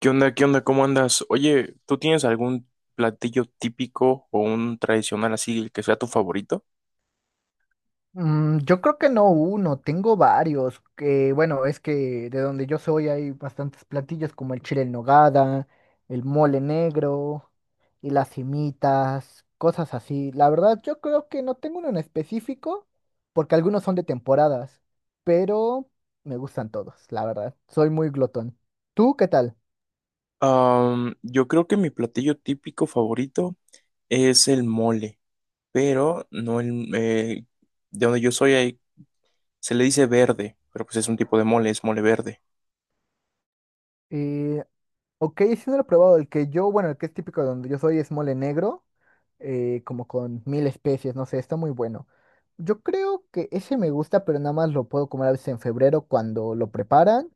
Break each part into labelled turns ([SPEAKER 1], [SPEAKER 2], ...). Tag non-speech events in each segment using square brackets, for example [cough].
[SPEAKER 1] ¿Qué onda? ¿Qué onda? ¿Cómo andas? Oye, ¿tú tienes algún platillo típico o un tradicional, así el que sea tu favorito?
[SPEAKER 2] Yo creo que no uno, tengo varios, que bueno, es que de donde yo soy hay bastantes platillos como el chile en nogada, el mole negro y las simitas, cosas así. La verdad, yo creo que no tengo uno en específico, porque algunos son de temporadas, pero me gustan todos, la verdad. Soy muy glotón. ¿Tú qué tal?
[SPEAKER 1] Yo creo que mi platillo típico favorito es el mole, pero no el... de donde yo soy se le dice verde, pero pues es un tipo de mole, es mole verde.
[SPEAKER 2] Eh, ok, sí no lo he probado. El que yo, bueno, el que es típico de donde yo soy es mole negro. Como con mil especies, no sé, está muy bueno. Yo creo que ese me gusta, pero nada más lo puedo comer a veces en febrero cuando lo preparan.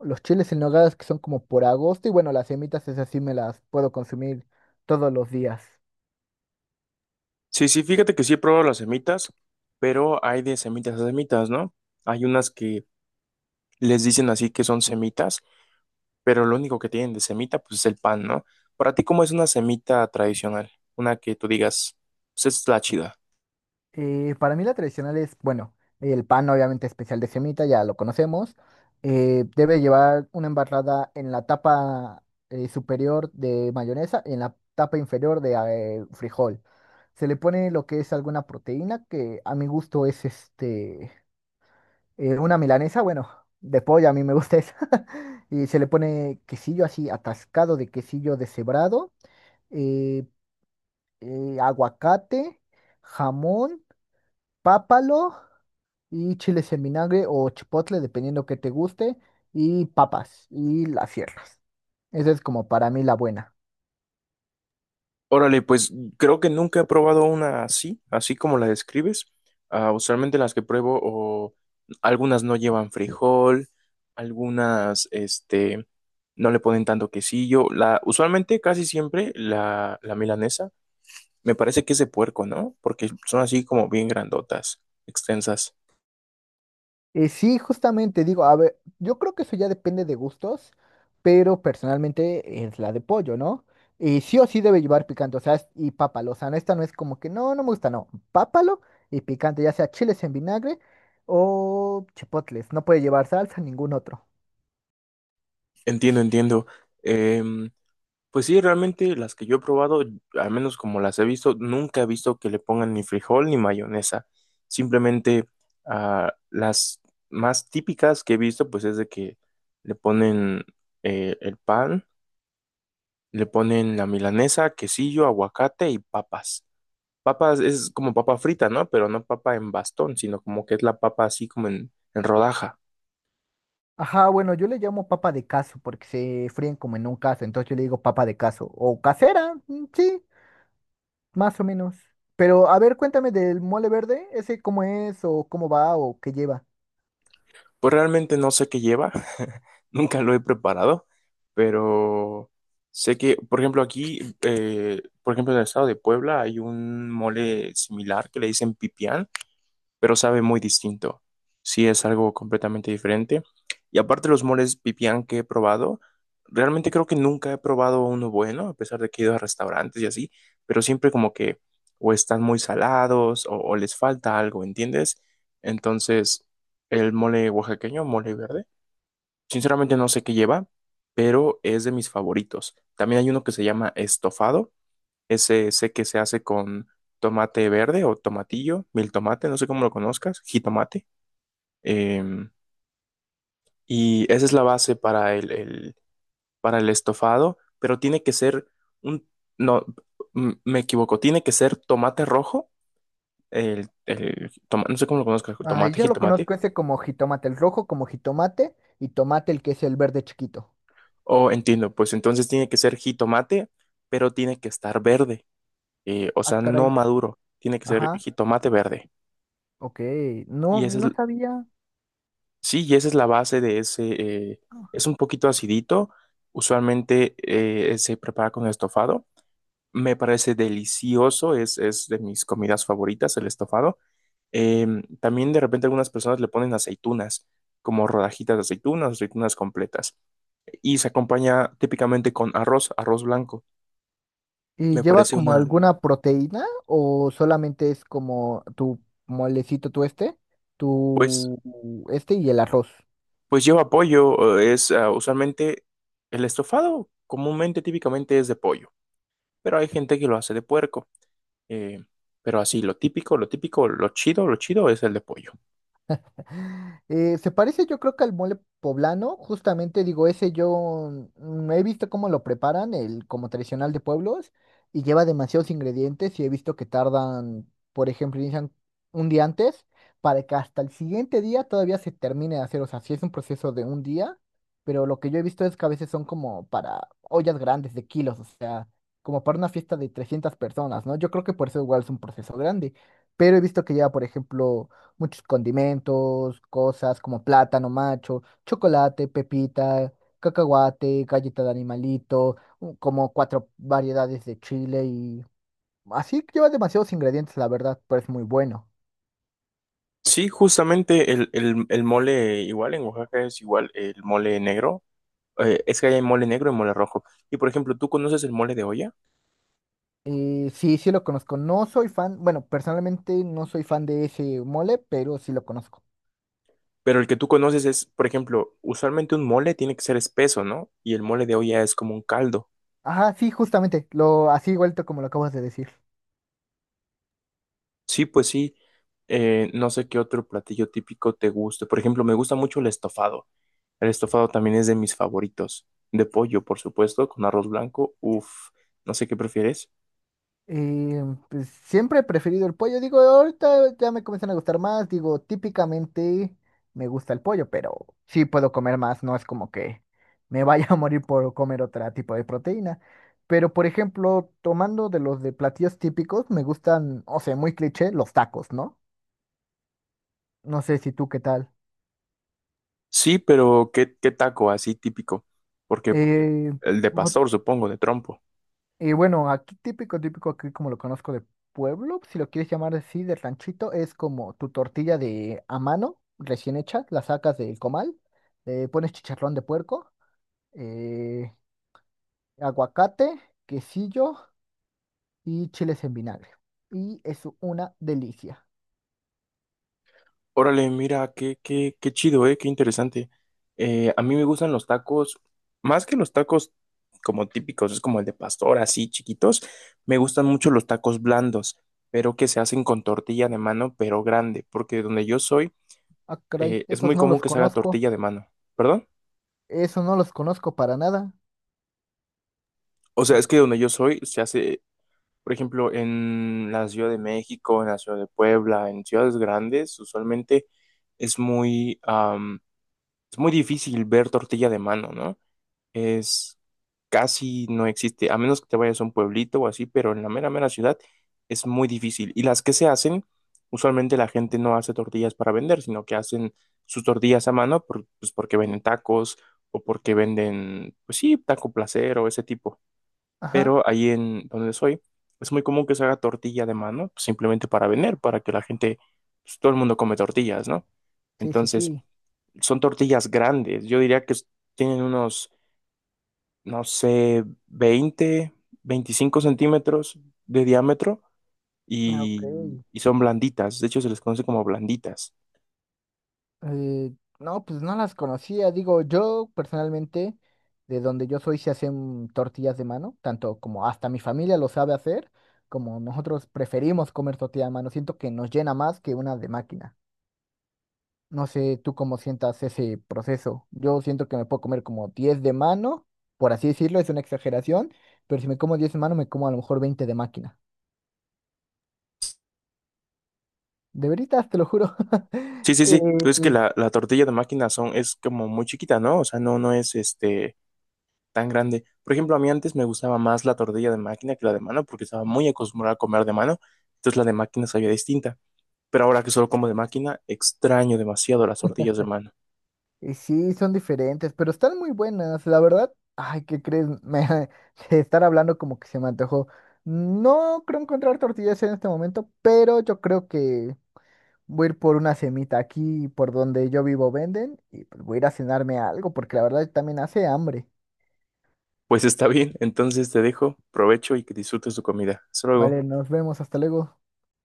[SPEAKER 2] Los chiles en nogada que son como por agosto y bueno, las semitas esas sí me las puedo consumir todos los días.
[SPEAKER 1] Sí, sí, fíjate que sí he probado las semitas, pero hay de semitas a semitas, ¿no? Hay unas que les dicen así que son semitas, pero lo único que tienen de semita pues es el pan, ¿no? Para ti, ¿cómo es una semita tradicional? Una que tú digas, pues esta es la chida.
[SPEAKER 2] Para mí la tradicional es, bueno, el pan obviamente especial de semita, ya lo conocemos. Debe llevar una embarrada en la tapa superior de mayonesa y en la tapa inferior de frijol. Se le pone lo que es alguna proteína, que a mi gusto es este, una milanesa, bueno, de pollo, a mí me gusta esa. [laughs] Y se le pone quesillo así, atascado de quesillo deshebrado, eh, aguacate, jamón, pápalo y chiles en vinagre o chipotle, dependiendo que te guste, y papas y las cierras. Esa es como para mí la buena.
[SPEAKER 1] Órale, pues creo que nunca he probado una así, así como la describes. Ah, usualmente las que pruebo, o algunas no llevan frijol, algunas, no le ponen tanto quesillo. La, usualmente, casi siempre, la milanesa, me parece que es de puerco, ¿no? Porque son así como bien grandotas, extensas.
[SPEAKER 2] Sí, justamente digo, a ver, yo creo que eso ya depende de gustos, pero personalmente es la de pollo, ¿no? Y sí o sí debe llevar picante, o sea, es- y pápalo, o sea, no, esta no es como que no, no me gusta, no, pápalo y picante, ya sea chiles en vinagre o chipotles, no puede llevar salsa, ningún otro.
[SPEAKER 1] Entiendo, entiendo. Em, Pues sí, realmente las que yo he probado, al menos como las he visto, nunca he visto que le pongan ni frijol ni mayonesa. Simplemente las más típicas que he visto, pues es de que le ponen el pan, le ponen la milanesa, quesillo, aguacate y papas. Papas es como papa frita, ¿no? Pero no papa en bastón, sino como que es la papa así como en rodaja.
[SPEAKER 2] Ajá, bueno, yo le llamo papa de caso porque se fríen como en un caso, entonces yo le digo papa de caso o casera, sí, más o menos. Pero a ver, cuéntame del mole verde, ese cómo es o cómo va o qué lleva.
[SPEAKER 1] Pues realmente no sé qué lleva, [laughs] nunca lo he preparado, pero sé que, por ejemplo, aquí, por ejemplo, en el estado de Puebla hay un mole similar que le dicen pipián, pero sabe muy distinto. Sí, es algo completamente diferente. Y aparte, los moles pipián que he probado, realmente creo que nunca he probado uno bueno, a pesar de que he ido a restaurantes y así, pero siempre como que o están muy salados o les falta algo, ¿entiendes? Entonces, el mole oaxaqueño, mole verde, sinceramente no sé qué lleva, pero es de mis favoritos. También hay uno que se llama estofado, ese que se hace con tomate verde o tomatillo, mil tomate, no sé cómo lo conozcas, jitomate. Em, y esa es la base para para el estofado, pero tiene que ser un, no, me equivoco, tiene que ser tomate rojo, no sé cómo lo conozcas,
[SPEAKER 2] Ay,
[SPEAKER 1] tomate,
[SPEAKER 2] yo lo
[SPEAKER 1] jitomate,
[SPEAKER 2] conozco ese como jitomate, el rojo como jitomate y tomate el que es el verde chiquito.
[SPEAKER 1] oh, entiendo, pues entonces tiene que ser jitomate, pero tiene que estar verde, o
[SPEAKER 2] Ah,
[SPEAKER 1] sea, no
[SPEAKER 2] caray.
[SPEAKER 1] maduro, tiene que ser
[SPEAKER 2] Ajá,
[SPEAKER 1] jitomate verde.
[SPEAKER 2] ok, no,
[SPEAKER 1] Y esa es,
[SPEAKER 2] no sabía.
[SPEAKER 1] sí, y esa es la base de ese, es un poquito acidito, usualmente se prepara con estofado, me parece delicioso, es de mis comidas favoritas el estofado. Eh, También de repente algunas personas le ponen aceitunas, como rodajitas de aceitunas, aceitunas completas, y se acompaña típicamente con arroz, arroz blanco,
[SPEAKER 2] ¿Y
[SPEAKER 1] me
[SPEAKER 2] lleva
[SPEAKER 1] parece
[SPEAKER 2] como
[SPEAKER 1] una,
[SPEAKER 2] alguna proteína o solamente es como tu molecito, tu este,
[SPEAKER 1] pues,
[SPEAKER 2] tu y el arroz?
[SPEAKER 1] pues lleva pollo, es ah, usualmente el estofado comúnmente, típicamente es de pollo, pero hay gente que lo hace de puerco. Eh, pero así, lo típico, lo típico, lo chido es el de pollo.
[SPEAKER 2] [laughs] Se parece yo creo que al mole poblano, justamente digo, ese yo he visto cómo lo preparan, el como tradicional de pueblos, y lleva demasiados ingredientes y he visto que tardan, por ejemplo, inician un día antes para que hasta el siguiente día todavía se termine de hacer, o sea, sí es un proceso de un día, pero lo que yo he visto es que a veces son como para ollas grandes de kilos, o sea, como para una fiesta de 300 personas, ¿no? Yo creo que por eso igual es un proceso grande, pero he visto que lleva, por ejemplo, muchos condimentos, cosas como plátano macho, chocolate, pepita, cacahuate, galleta de animalito, como cuatro variedades de chile y así lleva demasiados ingredientes, la verdad, pero es muy bueno.
[SPEAKER 1] Sí, justamente el mole igual en Oaxaca es igual el mole negro. Es que hay mole negro y mole rojo. Y por ejemplo, tú conoces el mole de olla,
[SPEAKER 2] Y sí, sí lo conozco. No soy fan, bueno, personalmente no soy fan de ese mole, pero sí lo conozco.
[SPEAKER 1] pero el que tú conoces es, por ejemplo, usualmente un mole tiene que ser espeso, ¿no? Y el mole de olla es como un caldo.
[SPEAKER 2] Ajá, sí, justamente, lo así vuelto como lo acabas de decir.
[SPEAKER 1] Sí, pues sí. No sé qué otro platillo típico te guste. Por ejemplo, me gusta mucho el estofado. El estofado también es de mis favoritos. De pollo, por supuesto, con arroz blanco. Uf, no sé qué prefieres.
[SPEAKER 2] Eh, pues siempre he preferido el pollo. Digo, ahorita ya me comienzan a gustar más. Digo, típicamente me gusta el pollo, pero sí puedo comer más. No es como que me vaya [laughs] a morir por comer otro tipo de proteína. Pero, por ejemplo, tomando de los de platillos típicos, me gustan, o sea, muy cliché, los tacos, ¿no? No sé si tú qué tal.
[SPEAKER 1] Sí, pero ¿qué, qué taco así típico? Porque
[SPEAKER 2] Eh,
[SPEAKER 1] el de pastor, supongo, de trompo.
[SPEAKER 2] Y bueno, aquí típico, típico, aquí como lo conozco de pueblo, si lo quieres llamar así, de ranchito, es como tu tortilla de a mano, recién hecha, la sacas del comal, le pones chicharrón de puerco, eh, aguacate, quesillo y chiles en vinagre. Y es una delicia.
[SPEAKER 1] Órale, mira, qué, qué, qué chido, ¿eh? Qué interesante. A mí me gustan los tacos, más que los tacos como típicos, es como el de pastor, así chiquitos, me gustan mucho los tacos blandos, pero que se hacen con tortilla de mano, pero grande, porque donde yo soy,
[SPEAKER 2] Ah, caray,
[SPEAKER 1] es muy
[SPEAKER 2] esos no
[SPEAKER 1] común
[SPEAKER 2] los
[SPEAKER 1] que se haga
[SPEAKER 2] conozco,
[SPEAKER 1] tortilla de mano, ¿perdón?
[SPEAKER 2] esos no los conozco para nada.
[SPEAKER 1] O sea,
[SPEAKER 2] Mm,
[SPEAKER 1] es que donde yo soy se hace, por ejemplo, en la Ciudad de México, en la Ciudad de Puebla, en ciudades grandes, usualmente es muy, es muy difícil ver tortilla de mano, ¿no? Es casi no existe, a menos que te vayas a un pueblito o así, pero en la mera, mera ciudad es muy difícil. Y las que se hacen, usualmente la gente no hace tortillas para vender, sino que hacen sus tortillas a mano pues porque venden tacos o porque venden, pues sí, taco placer o ese tipo.
[SPEAKER 2] ajá,
[SPEAKER 1] Pero ahí en donde soy, es muy común que se haga tortilla de mano, pues, simplemente para vender, para que la gente, pues, todo el mundo come tortillas, ¿no?
[SPEAKER 2] sí, sí,
[SPEAKER 1] Entonces,
[SPEAKER 2] sí.
[SPEAKER 1] son tortillas grandes, yo diría que tienen unos, no sé, 20, 25 centímetros de diámetro
[SPEAKER 2] Ah, ok.
[SPEAKER 1] y son blanditas. De hecho, se les conoce como blanditas.
[SPEAKER 2] Eh, no, pues no las conocía. Digo, yo personalmente, de donde yo soy, se hacen tortillas de mano, tanto como hasta mi familia lo sabe hacer, como nosotros preferimos comer tortilla de mano. Siento que nos llena más que una de máquina. No sé tú cómo sientas ese proceso. Yo siento que me puedo comer como 10 de mano, por así decirlo, es una exageración, pero si me como 10 de mano, me como a lo mejor 20 de máquina. De veritas, te lo juro. [laughs]
[SPEAKER 1] Sí, sí, sí.
[SPEAKER 2] Eh,
[SPEAKER 1] Pero es que la tortilla de máquina son, es como muy chiquita, ¿no? O sea, no, no es este tan grande. Por ejemplo, a mí antes me gustaba más la tortilla de máquina que la de mano porque estaba muy acostumbrada a comer de mano. Entonces la de máquina sabía distinta. Pero ahora que solo como de máquina, extraño demasiado las tortillas de mano.
[SPEAKER 2] Y sí, son diferentes, pero están muy buenas. La verdad, ay, ¿qué crees? [laughs] De estar hablando como que se me antojó. No creo encontrar tortillas en este momento, pero yo creo que voy a ir por una semita aquí, por donde yo vivo venden, y pues voy a ir a cenarme algo, porque la verdad también hace hambre.
[SPEAKER 1] Pues está bien, entonces te dejo, provecho y que disfrutes tu comida. Hasta luego.
[SPEAKER 2] Vale, nos vemos, hasta luego.